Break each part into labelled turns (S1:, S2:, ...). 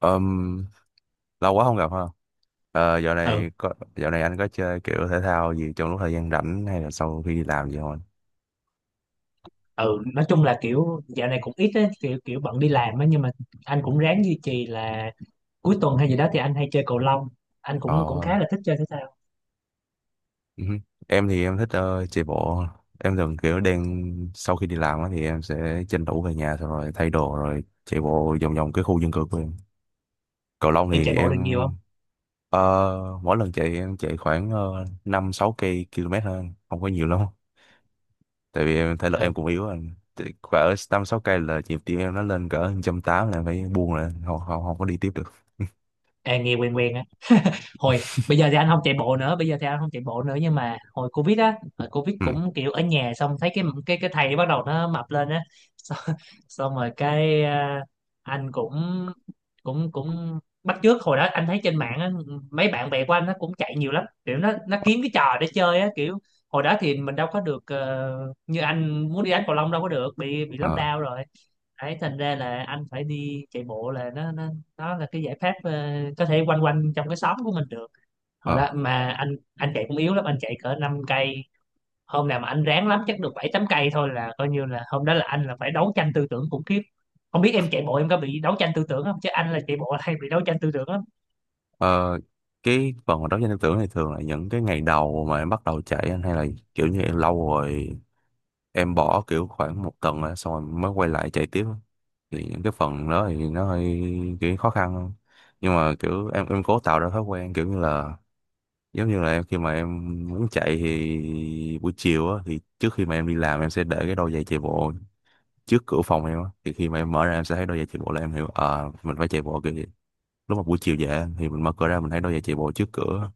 S1: Ừm, lâu quá không gặp ha. Dạo
S2: ừ
S1: này dạo này anh có chơi kiểu thể thao gì trong lúc thời gian rảnh hay là sau khi đi làm gì không anh?
S2: ừ nói chung là kiểu dạo này cũng ít á, kiểu kiểu bận đi làm á, nhưng mà anh cũng ráng duy trì là cuối tuần hay gì đó thì anh hay chơi cầu lông. Anh cũng cũng
S1: Ờ,
S2: khá là thích chơi thể thao.
S1: ừ. Em thì em thích chạy bộ. Em thường kiểu đang sau khi đi làm á thì em sẽ tranh thủ về nhà xong rồi thay đồ rồi chạy bộ vòng vòng cái khu dân cư của em. Cầu Long
S2: Em
S1: thì
S2: chạy bộ
S1: em
S2: được nhiều không?
S1: ờ, mỗi lần chạy em chạy khoảng 5 6 cây km hơn, không có nhiều lắm. Tại vì em thể lực em
S2: Ừ.
S1: cũng yếu rồi thì cỡ năm sáu cây là nhịp tim em nó lên cỡ một trăm tám là em phải buông lại không, không có đi tiếp được.
S2: À, nghe quen quen á. Bây giờ thì anh không chạy bộ nữa, bây giờ thì anh không chạy bộ nữa nhưng mà hồi covid
S1: ừ
S2: cũng kiểu ở nhà, xong thấy cái thầy bắt đầu nó mập lên á xong, Xong rồi cái à, anh cũng cũng cũng bắt chước. Hồi đó anh thấy trên mạng á, mấy bạn bè của anh nó cũng chạy nhiều lắm, kiểu nó kiếm cái trò để chơi á. Kiểu hồi đó thì mình đâu có được, như anh muốn đi đánh cầu lông đâu có được, bị
S1: ờ
S2: lockdown rồi. Đấy, thành ra là anh phải đi chạy bộ, là nó là cái giải pháp, có thể quanh quanh trong cái xóm của mình được. Hồi
S1: ờ
S2: đó mà anh chạy cũng yếu lắm, anh chạy cỡ 5 cây. Hôm nào mà anh ráng lắm chắc được 7 8 cây thôi, là coi như là hôm đó là anh là phải đấu tranh tư tưởng khủng khiếp. Không biết em chạy bộ em có bị đấu tranh tư tưởng không, chứ anh là chạy bộ là hay bị đấu tranh tư tưởng lắm.
S1: Ờ, cái phần mà đấu tranh tư tưởng này thường là những cái ngày đầu mà em bắt đầu chạy anh hay là kiểu như em lâu rồi em bỏ kiểu khoảng một tuần rồi, xong rồi mới quay lại chạy tiếp á? Thì những cái phần đó thì nó hơi kiểu khó khăn không, nhưng mà kiểu em cố tạo ra thói quen kiểu như là giống như là em khi mà em muốn chạy thì buổi chiều á thì trước khi mà em đi làm em sẽ để cái đôi giày chạy bộ trước cửa phòng em á, thì khi mà em mở ra em sẽ thấy đôi giày chạy bộ là em hiểu ờ mình phải chạy bộ kìa. Lúc mà buổi chiều về á, thì mình mở cửa ra mình thấy đôi giày chạy bộ trước cửa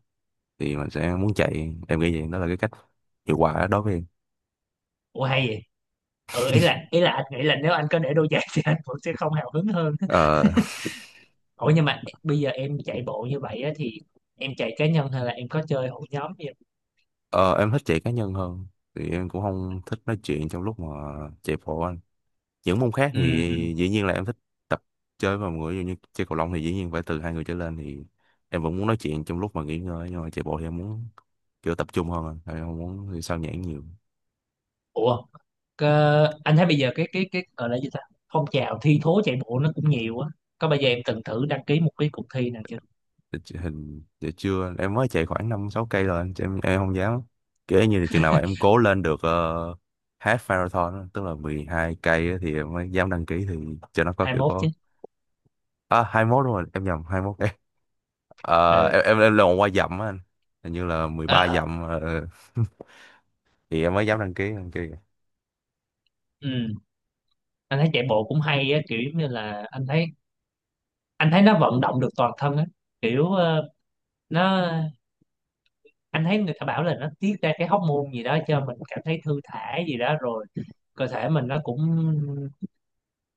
S1: thì mình sẽ muốn chạy, em nghĩ vậy đó là cái cách hiệu quả đối với em.
S2: Ủa, hay vậy. Ừ, ý là anh nghĩ là nếu anh có để đôi giày thì anh cũng sẽ không hào hứng hơn.
S1: ờ
S2: Ủa, nhưng mà bây giờ em chạy bộ như vậy á, thì em chạy cá nhân hay là em có chơi hội nhóm gì không?
S1: ờ, em thích chạy cá nhân hơn, thì em cũng không thích nói chuyện trong lúc mà chạy bộ á. Những môn khác
S2: Ừ,
S1: thì
S2: ừ.
S1: dĩ nhiên là em thích tập chơi với mọi người, ví dụ như chơi cầu lông thì dĩ nhiên phải từ hai người trở lên thì em vẫn muốn nói chuyện trong lúc mà nghỉ ngơi, nhưng mà chạy bộ thì em muốn kiểu tập trung hơn à. Em không muốn thì sao nhãng nhiều.
S2: Ủa. Anh thấy bây giờ cái gọi là gì ta, phong trào thi thố chạy bộ nó cũng nhiều á. Có bao giờ em từng thử đăng ký một cái cuộc thi nào chưa?
S1: Hình để chưa, em mới chạy khoảng năm sáu cây rồi chứ em không dám kiểu như là chừng nào mà em cố lên được half marathon á, tức là 12 cây á thì em mới dám đăng ký, thì cho nó có
S2: hai
S1: kiểu
S2: mốt chứ.
S1: có. À 21 đúng rồi, em nhầm 21 cây. Ờ,
S2: Ừ.
S1: em là qua dặm á anh, hình như là mười
S2: Ờ,
S1: ba
S2: ờ.
S1: dặm. Ờ. Thì em mới dám đăng ký
S2: Ừ, anh thấy chạy bộ cũng hay á, kiểu giống như là anh thấy nó vận động được toàn thân á. Kiểu ờ, nó anh thấy người ta bảo là nó tiết ra cái hormone gì đó cho mình cảm thấy thư thả gì đó, rồi cơ thể mình nó cũng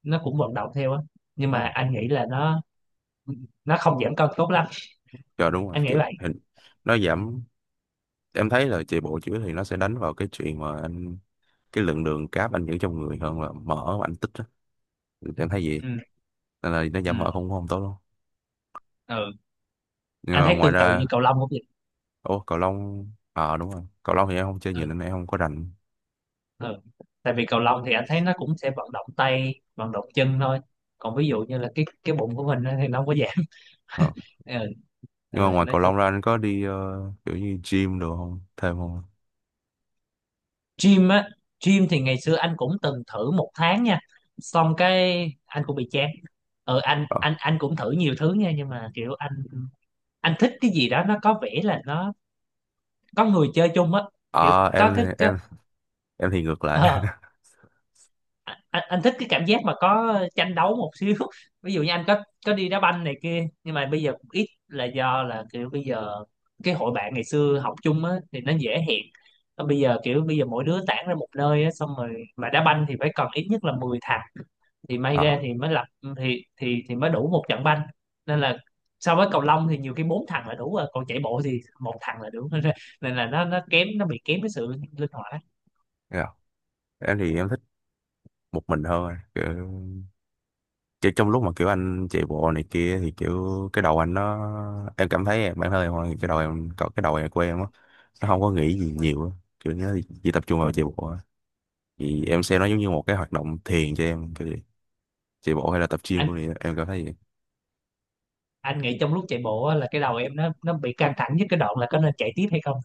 S2: nó cũng vận động theo á. Nhưng mà anh nghĩ là nó không giảm cân tốt lắm,
S1: cho đúng rồi
S2: anh nghĩ
S1: kiểu
S2: vậy.
S1: hình nó giảm. Em thấy là chạy bộ chữa thì nó sẽ đánh vào cái chuyện mà anh cái lượng đường cáp anh giữ trong người hơn là mỡ mà anh tích á. Thì em thấy vậy,
S2: Ừ.
S1: nên là nó
S2: Ừ.
S1: giảm mỡ không không tốt đâu.
S2: Ừ,
S1: Nhưng
S2: anh
S1: mà
S2: thấy
S1: ngoài
S2: tương tự
S1: ra
S2: như cầu lông cũng.
S1: ủa cầu lông ờ đúng rồi cầu lông thì em không chơi nhiều
S2: Ừ,
S1: nên em không có rành.
S2: ừ. Tại vì cầu lông thì anh thấy nó cũng sẽ vận động tay vận động chân thôi, còn ví dụ như là cái bụng của mình á thì nó không có giảm.
S1: Ờ.
S2: Ừ, ừ,
S1: Nhưng mà ngoài
S2: nói
S1: cầu lông
S2: chung.
S1: ra anh có đi kiểu như gym đồ không, thêm không.
S2: Gym á. Gym thì ngày xưa anh cũng từng thử 1 tháng nha, xong cái anh cũng bị chán. Ừ, anh
S1: ờ
S2: anh anh cũng thử nhiều thứ nha, nhưng mà kiểu anh thích cái gì đó nó có vẻ là nó có người chơi chung á, kiểu
S1: Ờ, em
S2: có cái có.
S1: em em thì ngược lại.
S2: Ờ, anh thích cái cảm giác mà có tranh đấu một xíu ví dụ như anh có đi đá banh này kia, nhưng mà bây giờ cũng ít là do là kiểu bây giờ cái hội bạn ngày xưa học chung á thì nó dễ hẹn. Còn bây giờ kiểu bây giờ mỗi đứa tản ra một nơi á, xong rồi mà đá banh thì phải cần ít nhất là 10 thằng thì may ra
S1: ờ
S2: thì mới lập, thì mới đủ một trận banh. Nên là so với cầu lông thì nhiều khi bốn thằng là đủ rồi, còn chạy bộ thì một thằng là đủ nên là nó bị kém cái sự linh hoạt á.
S1: Thế nào? Em thì em thích một mình hơn, kiểu kiểu trong lúc mà kiểu anh chạy bộ này kia thì kiểu cái đầu anh nó em cảm thấy bản thân em thôi, cái đầu em có cái đầu em của em á, nó không có nghĩ gì nhiều á. Kiểu nhớ chỉ tập trung vào chạy bộ á. Thì em xem nó giống như một cái hoạt động thiền cho em kiểu vậy. Chạy bộ hay là tập gym của em cảm thấy vậy.
S2: Anh nghĩ trong lúc chạy bộ á, là cái đầu em nó bị căng thẳng nhất cái đoạn là có nên chạy tiếp hay không.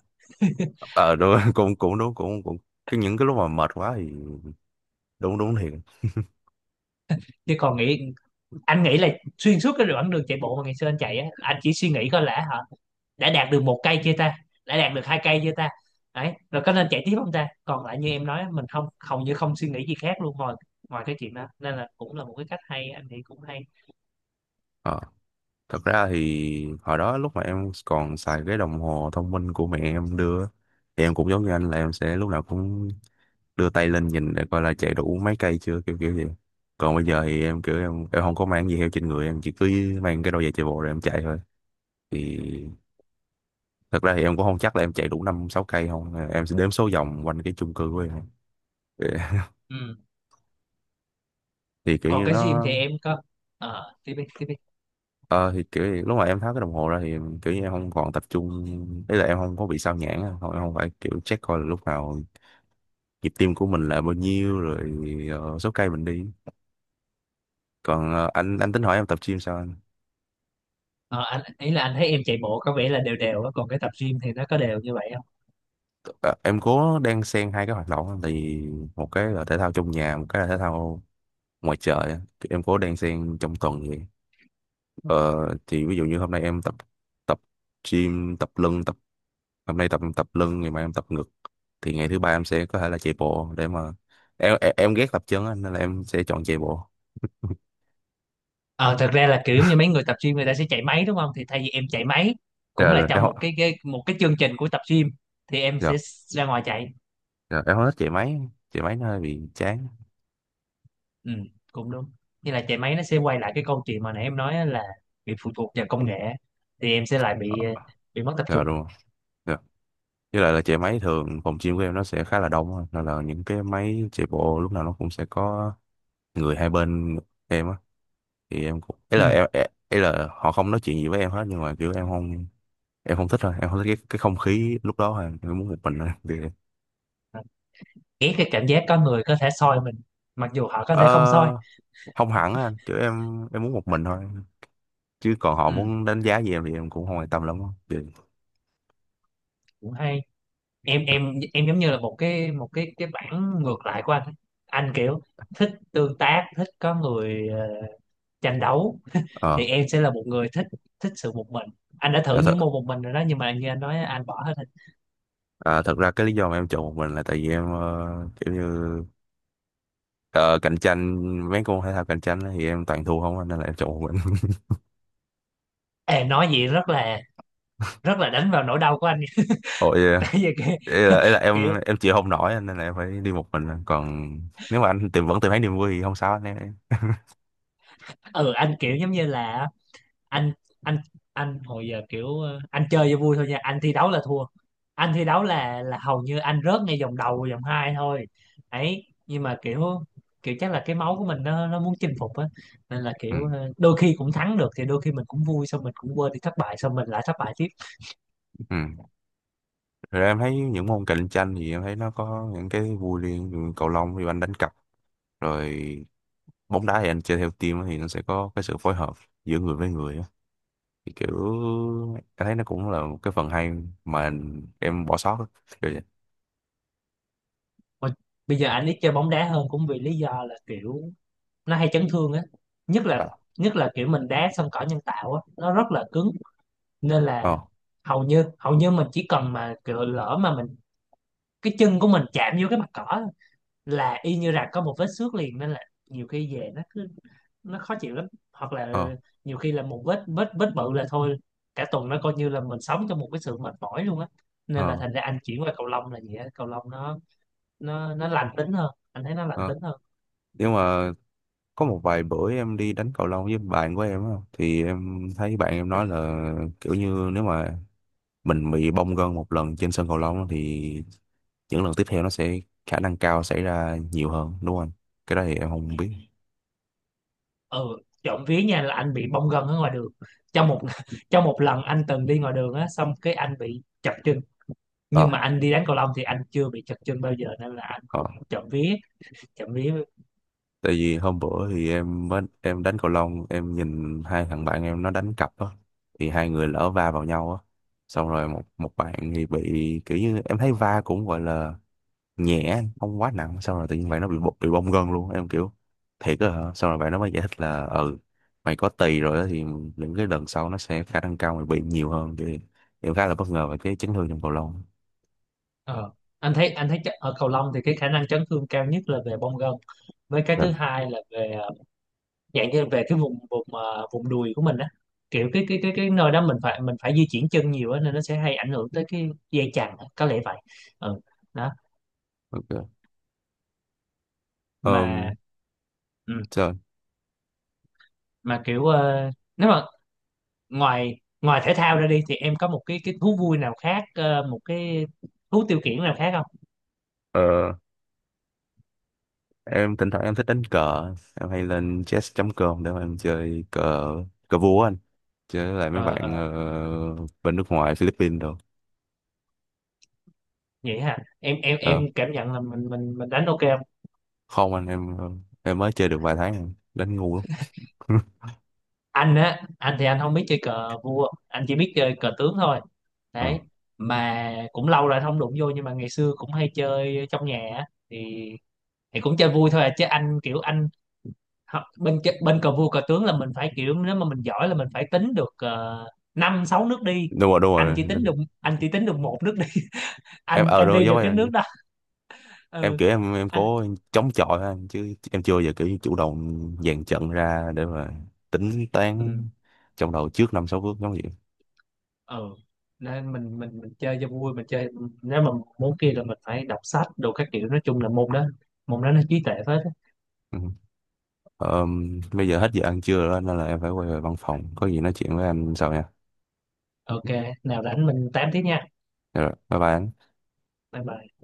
S1: Ờ đúng cũng cũng đúng cũng cũng Cái những cái lúc mà mệt quá thì đúng đúng thiệt.
S2: Chứ còn nghĩ, anh nghĩ là xuyên suốt cái đoạn đường chạy bộ mà ngày xưa anh chạy á, anh chỉ suy nghĩ coi là hả, đã đạt được 1 cây chưa ta, đã đạt được 2 cây chưa ta, đấy rồi có nên chạy tiếp không ta. Còn lại như em nói, mình không hầu như không suy nghĩ gì khác luôn ngoài ngoài cái chuyện đó, nên là cũng là một cái cách hay, anh nghĩ cũng hay.
S1: ờ Thật ra thì hồi đó lúc mà em còn xài cái đồng hồ thông minh của mẹ em đưa á, thì em cũng giống như anh là em sẽ lúc nào cũng đưa tay lên nhìn để coi là chạy đủ mấy cây chưa, kiểu kiểu gì. Còn bây giờ thì em kiểu em không có mang gì theo trên người, em chỉ cứ mang cái đôi giày chạy bộ rồi em chạy thôi. Thì thật ra thì em cũng không chắc là em chạy đủ năm sáu cây không à, em sẽ đếm số vòng quanh cái chung cư của em. Thì,
S2: Ừ.
S1: kiểu
S2: Còn
S1: như
S2: cái gym
S1: nó
S2: thì em có. Ờ, tiếp đi tiếp đi.
S1: ờ thì kiểu như lúc mà em tháo cái đồng hồ ra thì kiểu như em không còn tập trung, ý là em không có bị sao nhãng á. Không em không phải kiểu check coi là lúc nào nhịp tim của mình là bao nhiêu rồi số cây mình đi. Còn anh tính hỏi em tập gym sao anh.
S2: Ờ, anh ý là anh thấy em chạy bộ có vẻ là đều đều á, còn cái tập gym thì nó có đều như vậy.
S1: Ờ, em cố đang xen hai cái hoạt động á, thì một cái là thể thao trong nhà, một cái là thể thao ngoài trời á. Thì em cố đang xen trong tuần vậy. ờ, thì ví dụ như hôm nay em tập tập gym tập lưng tập hôm nay tập tập lưng, ngày mai em tập ngực. Thì ngày thứ ba em sẽ có thể là chạy bộ để mà em ghét tập chân á, nên là em sẽ chọn chạy bộ.
S2: Ờ, thật ra là kiểu giống như mấy người tập gym người ta sẽ chạy máy đúng không? Thì thay vì em chạy máy cũng
S1: rồi,
S2: là
S1: rồi em
S2: trong
S1: không-
S2: một cái chương trình của tập gym, thì em
S1: rồi,
S2: sẽ ra ngoài chạy.
S1: rồi em không thích chạy máy, chạy máy nó hơi bị chán.
S2: Ừ, cũng đúng. Như là chạy máy nó sẽ quay lại cái câu chuyện mà nãy em nói á, là bị phụ thuộc vào công nghệ thì em sẽ lại bị, bị mất tập
S1: Rồi
S2: trung.
S1: đúng rồi, với lại là chạy máy thường phòng gym của em nó sẽ khá là đông á. Nên là những cái máy chạy bộ lúc nào nó cũng sẽ có người hai bên em á, thì em cũng ấy
S2: Ừ.
S1: là em ấy ấy là họ không nói chuyện gì với em hết, nhưng mà kiểu em không thích thôi, em không thích cái không khí lúc đó thôi, em muốn một mình thôi. Thì
S2: Ghét cái cảm giác có người có thể soi mình, mặc dù họ có
S1: ờ,
S2: thể không soi.
S1: không hẳn á anh. Kiểu em muốn một mình thôi, chứ còn họ
S2: Ừ,
S1: muốn đánh giá gì em thì em cũng không quan tâm lắm á. Thì
S2: cũng hay. Em giống như là một cái một cái bản ngược lại của anh. Anh kiểu thích tương tác, thích có người, tranh đấu,
S1: ờ
S2: thì em sẽ là một người thích thích sự một mình. Anh đã thử
S1: dạ thật
S2: những môn một mình rồi đó, nhưng mà như anh nói anh bỏ hết.
S1: à, thật ra cái lý do mà em chọn một mình là tại vì em kiểu như. Ờ, cạnh tranh, mấy môn thể thao cạnh tranh á thì em toàn thua không anh, nên là em chọn một mình.
S2: Ê, nói vậy rất là đánh vào nỗi đau của anh
S1: Ôi,
S2: tại vì kiểu,
S1: ý là
S2: kiểu
S1: em chịu không nổi anh, nên là em phải đi một mình. Còn nếu mà anh vẫn tìm thấy niềm vui thì không sao anh em.
S2: ừ, anh kiểu giống như là anh anh anh hồi giờ kiểu, anh chơi cho vui thôi nha, anh thi đấu là thua, anh thi đấu là hầu như anh rớt ngay vòng đầu vòng hai thôi. Ấy, nhưng mà kiểu kiểu chắc là cái máu của mình nó muốn chinh phục á, nên là
S1: Ừ.
S2: kiểu, đôi khi cũng thắng được thì đôi khi mình cũng vui, xong mình cũng quên đi thất bại, xong mình lại thất bại tiếp.
S1: Ừ. Rồi em thấy những môn cạnh tranh thì em thấy nó có những cái vui riêng. Ví dụ cầu lông thì anh đánh cặp, rồi bóng đá thì anh chơi theo team á, thì nó sẽ có cái sự phối hợp giữa người với người á. Thì kiểu em thấy nó cũng là một cái phần hay mà em bỏ sót á. Kiểu vậy.
S2: Mà bây giờ anh ít chơi bóng đá hơn cũng vì lý do là kiểu nó hay chấn thương á, nhất là
S1: Ờ.
S2: nhất là kiểu mình đá sân cỏ nhân tạo á, nó rất là cứng. Nên
S1: Ờ.
S2: là hầu như mình chỉ cần mà kiểu lỡ mà cái chân của mình chạm vô cái mặt cỏ là y như rằng có một vết xước liền, nên là nhiều khi về nó khó chịu lắm. Hoặc
S1: Ờ.
S2: là nhiều khi là một vết vết vết bự là thôi, cả tuần nó coi như là mình sống trong một cái sự mệt mỏi luôn á. Nên là
S1: Ờ.
S2: thành ra anh chuyển qua cầu lông, là gì á, cầu lông nó lành tính hơn, anh thấy nó lành
S1: ờ.
S2: tính hơn.
S1: Nhưng mà có một vài bữa em đi đánh cầu lông với bạn của em á thì em thấy bạn em nói là kiểu như nếu mà mình bị bong gân một lần trên sân cầu lông á, thì những lần tiếp theo nó sẽ khả năng cao xảy ra nhiều hơn đúng không anh? Cái đó thì em không biết.
S2: Ừ. Trộm vía nha, là anh bị bong gân ở ngoài đường, trong một trong một lần anh từng đi ngoài đường á xong cái anh bị chật chân.
S1: ờ
S2: Nhưng mà anh đi đánh cầu lông thì anh chưa bị chật chân bao giờ, nên là anh
S1: ờ
S2: cũng trộm vía, trộm vía.
S1: Tại vì hôm bữa thì em mới em đánh cầu lông em nhìn hai thằng bạn em nó đánh cặp á, thì hai người lỡ va vào nhau á, xong rồi một một bạn thì bị kiểu như em thấy va cũng gọi là nhẹ không quá nặng, xong rồi tự nhiên vậy nó bị bị bong gân luôn. Em kiểu thiệt á hả, xong rồi vậy nó mới giải thích là ừ mày có tỳ rồi á, thì những cái lần sau nó sẽ khả năng cao mày bị nhiều hơn. Thì em khá là bất ngờ về cái chấn thương trong cầu lông.
S2: Ờ, anh thấy ở cầu lông thì cái khả năng chấn thương cao nhất là về bong gân, với cái
S1: Rồi
S2: thứ hai là về, dạng như về cái vùng vùng vùng đùi của mình á, kiểu cái nơi đó mình phải di chuyển chân nhiều á, nên nó sẽ hay ảnh hưởng tới cái dây chằng á, có lẽ vậy. Ừ. Đó.
S1: ok.
S2: mà
S1: um,
S2: ừ,
S1: Rồi
S2: mà kiểu, nếu mà ngoài ngoài thể thao ra đi, thì em có một cái thú vui nào khác, một cái thú tiêu khiển nào khác không?
S1: ờ, em thỉnh thoảng em thích đánh cờ, em hay lên chess.com để mà em chơi cờ, cờ vua á anh, chơi với lại mấy
S2: Ờ,
S1: bạn
S2: ờ,
S1: bên nước ngoài Philippines rồi.
S2: vậy hả, em em
S1: Ờ,
S2: em cảm nhận là mình đánh ok không?
S1: không anh em mới chơi được vài tháng em đánh ngu lắm.
S2: Anh á, anh thì anh không biết chơi cờ vua, anh chỉ biết chơi cờ tướng thôi. Đấy. Mà cũng lâu rồi anh không đụng vô, nhưng mà ngày xưa cũng hay chơi trong nhà á. Thì cũng chơi vui thôi à, chứ anh kiểu bên cờ vua cờ tướng là mình phải kiểu nếu mà mình giỏi là mình phải tính được, năm sáu nước đi.
S1: Đúng rồi đúng
S2: anh
S1: rồi,
S2: chỉ tính được anh chỉ tính được một nước,
S1: em
S2: anh
S1: ở đúng
S2: anh
S1: rồi,
S2: đi
S1: giống
S2: được cái
S1: em.
S2: nước đó.
S1: em
S2: Ừ.
S1: kiểu em em
S2: Anh.
S1: có chống chọi ha, chứ em chưa bao giờ kiểu như chủ động dàn trận ra để mà tính
S2: Ừ.
S1: toán trong đầu trước năm sáu bước giống vậy.
S2: Ừ, nên mình chơi cho vui, mình chơi. Nếu mà muốn kia là mình phải đọc sách đồ các kiểu, nói chung là môn đó nó trí tuệ phết á.
S1: Ừ. Bây giờ hết giờ ăn trưa rồi đó, nên là em phải quay về văn phòng, có gì nói chuyện với anh sau nha.
S2: Ok, nào rảnh mình tám tiếp nha.
S1: Dạ rồi bye bye anh.
S2: Bye bye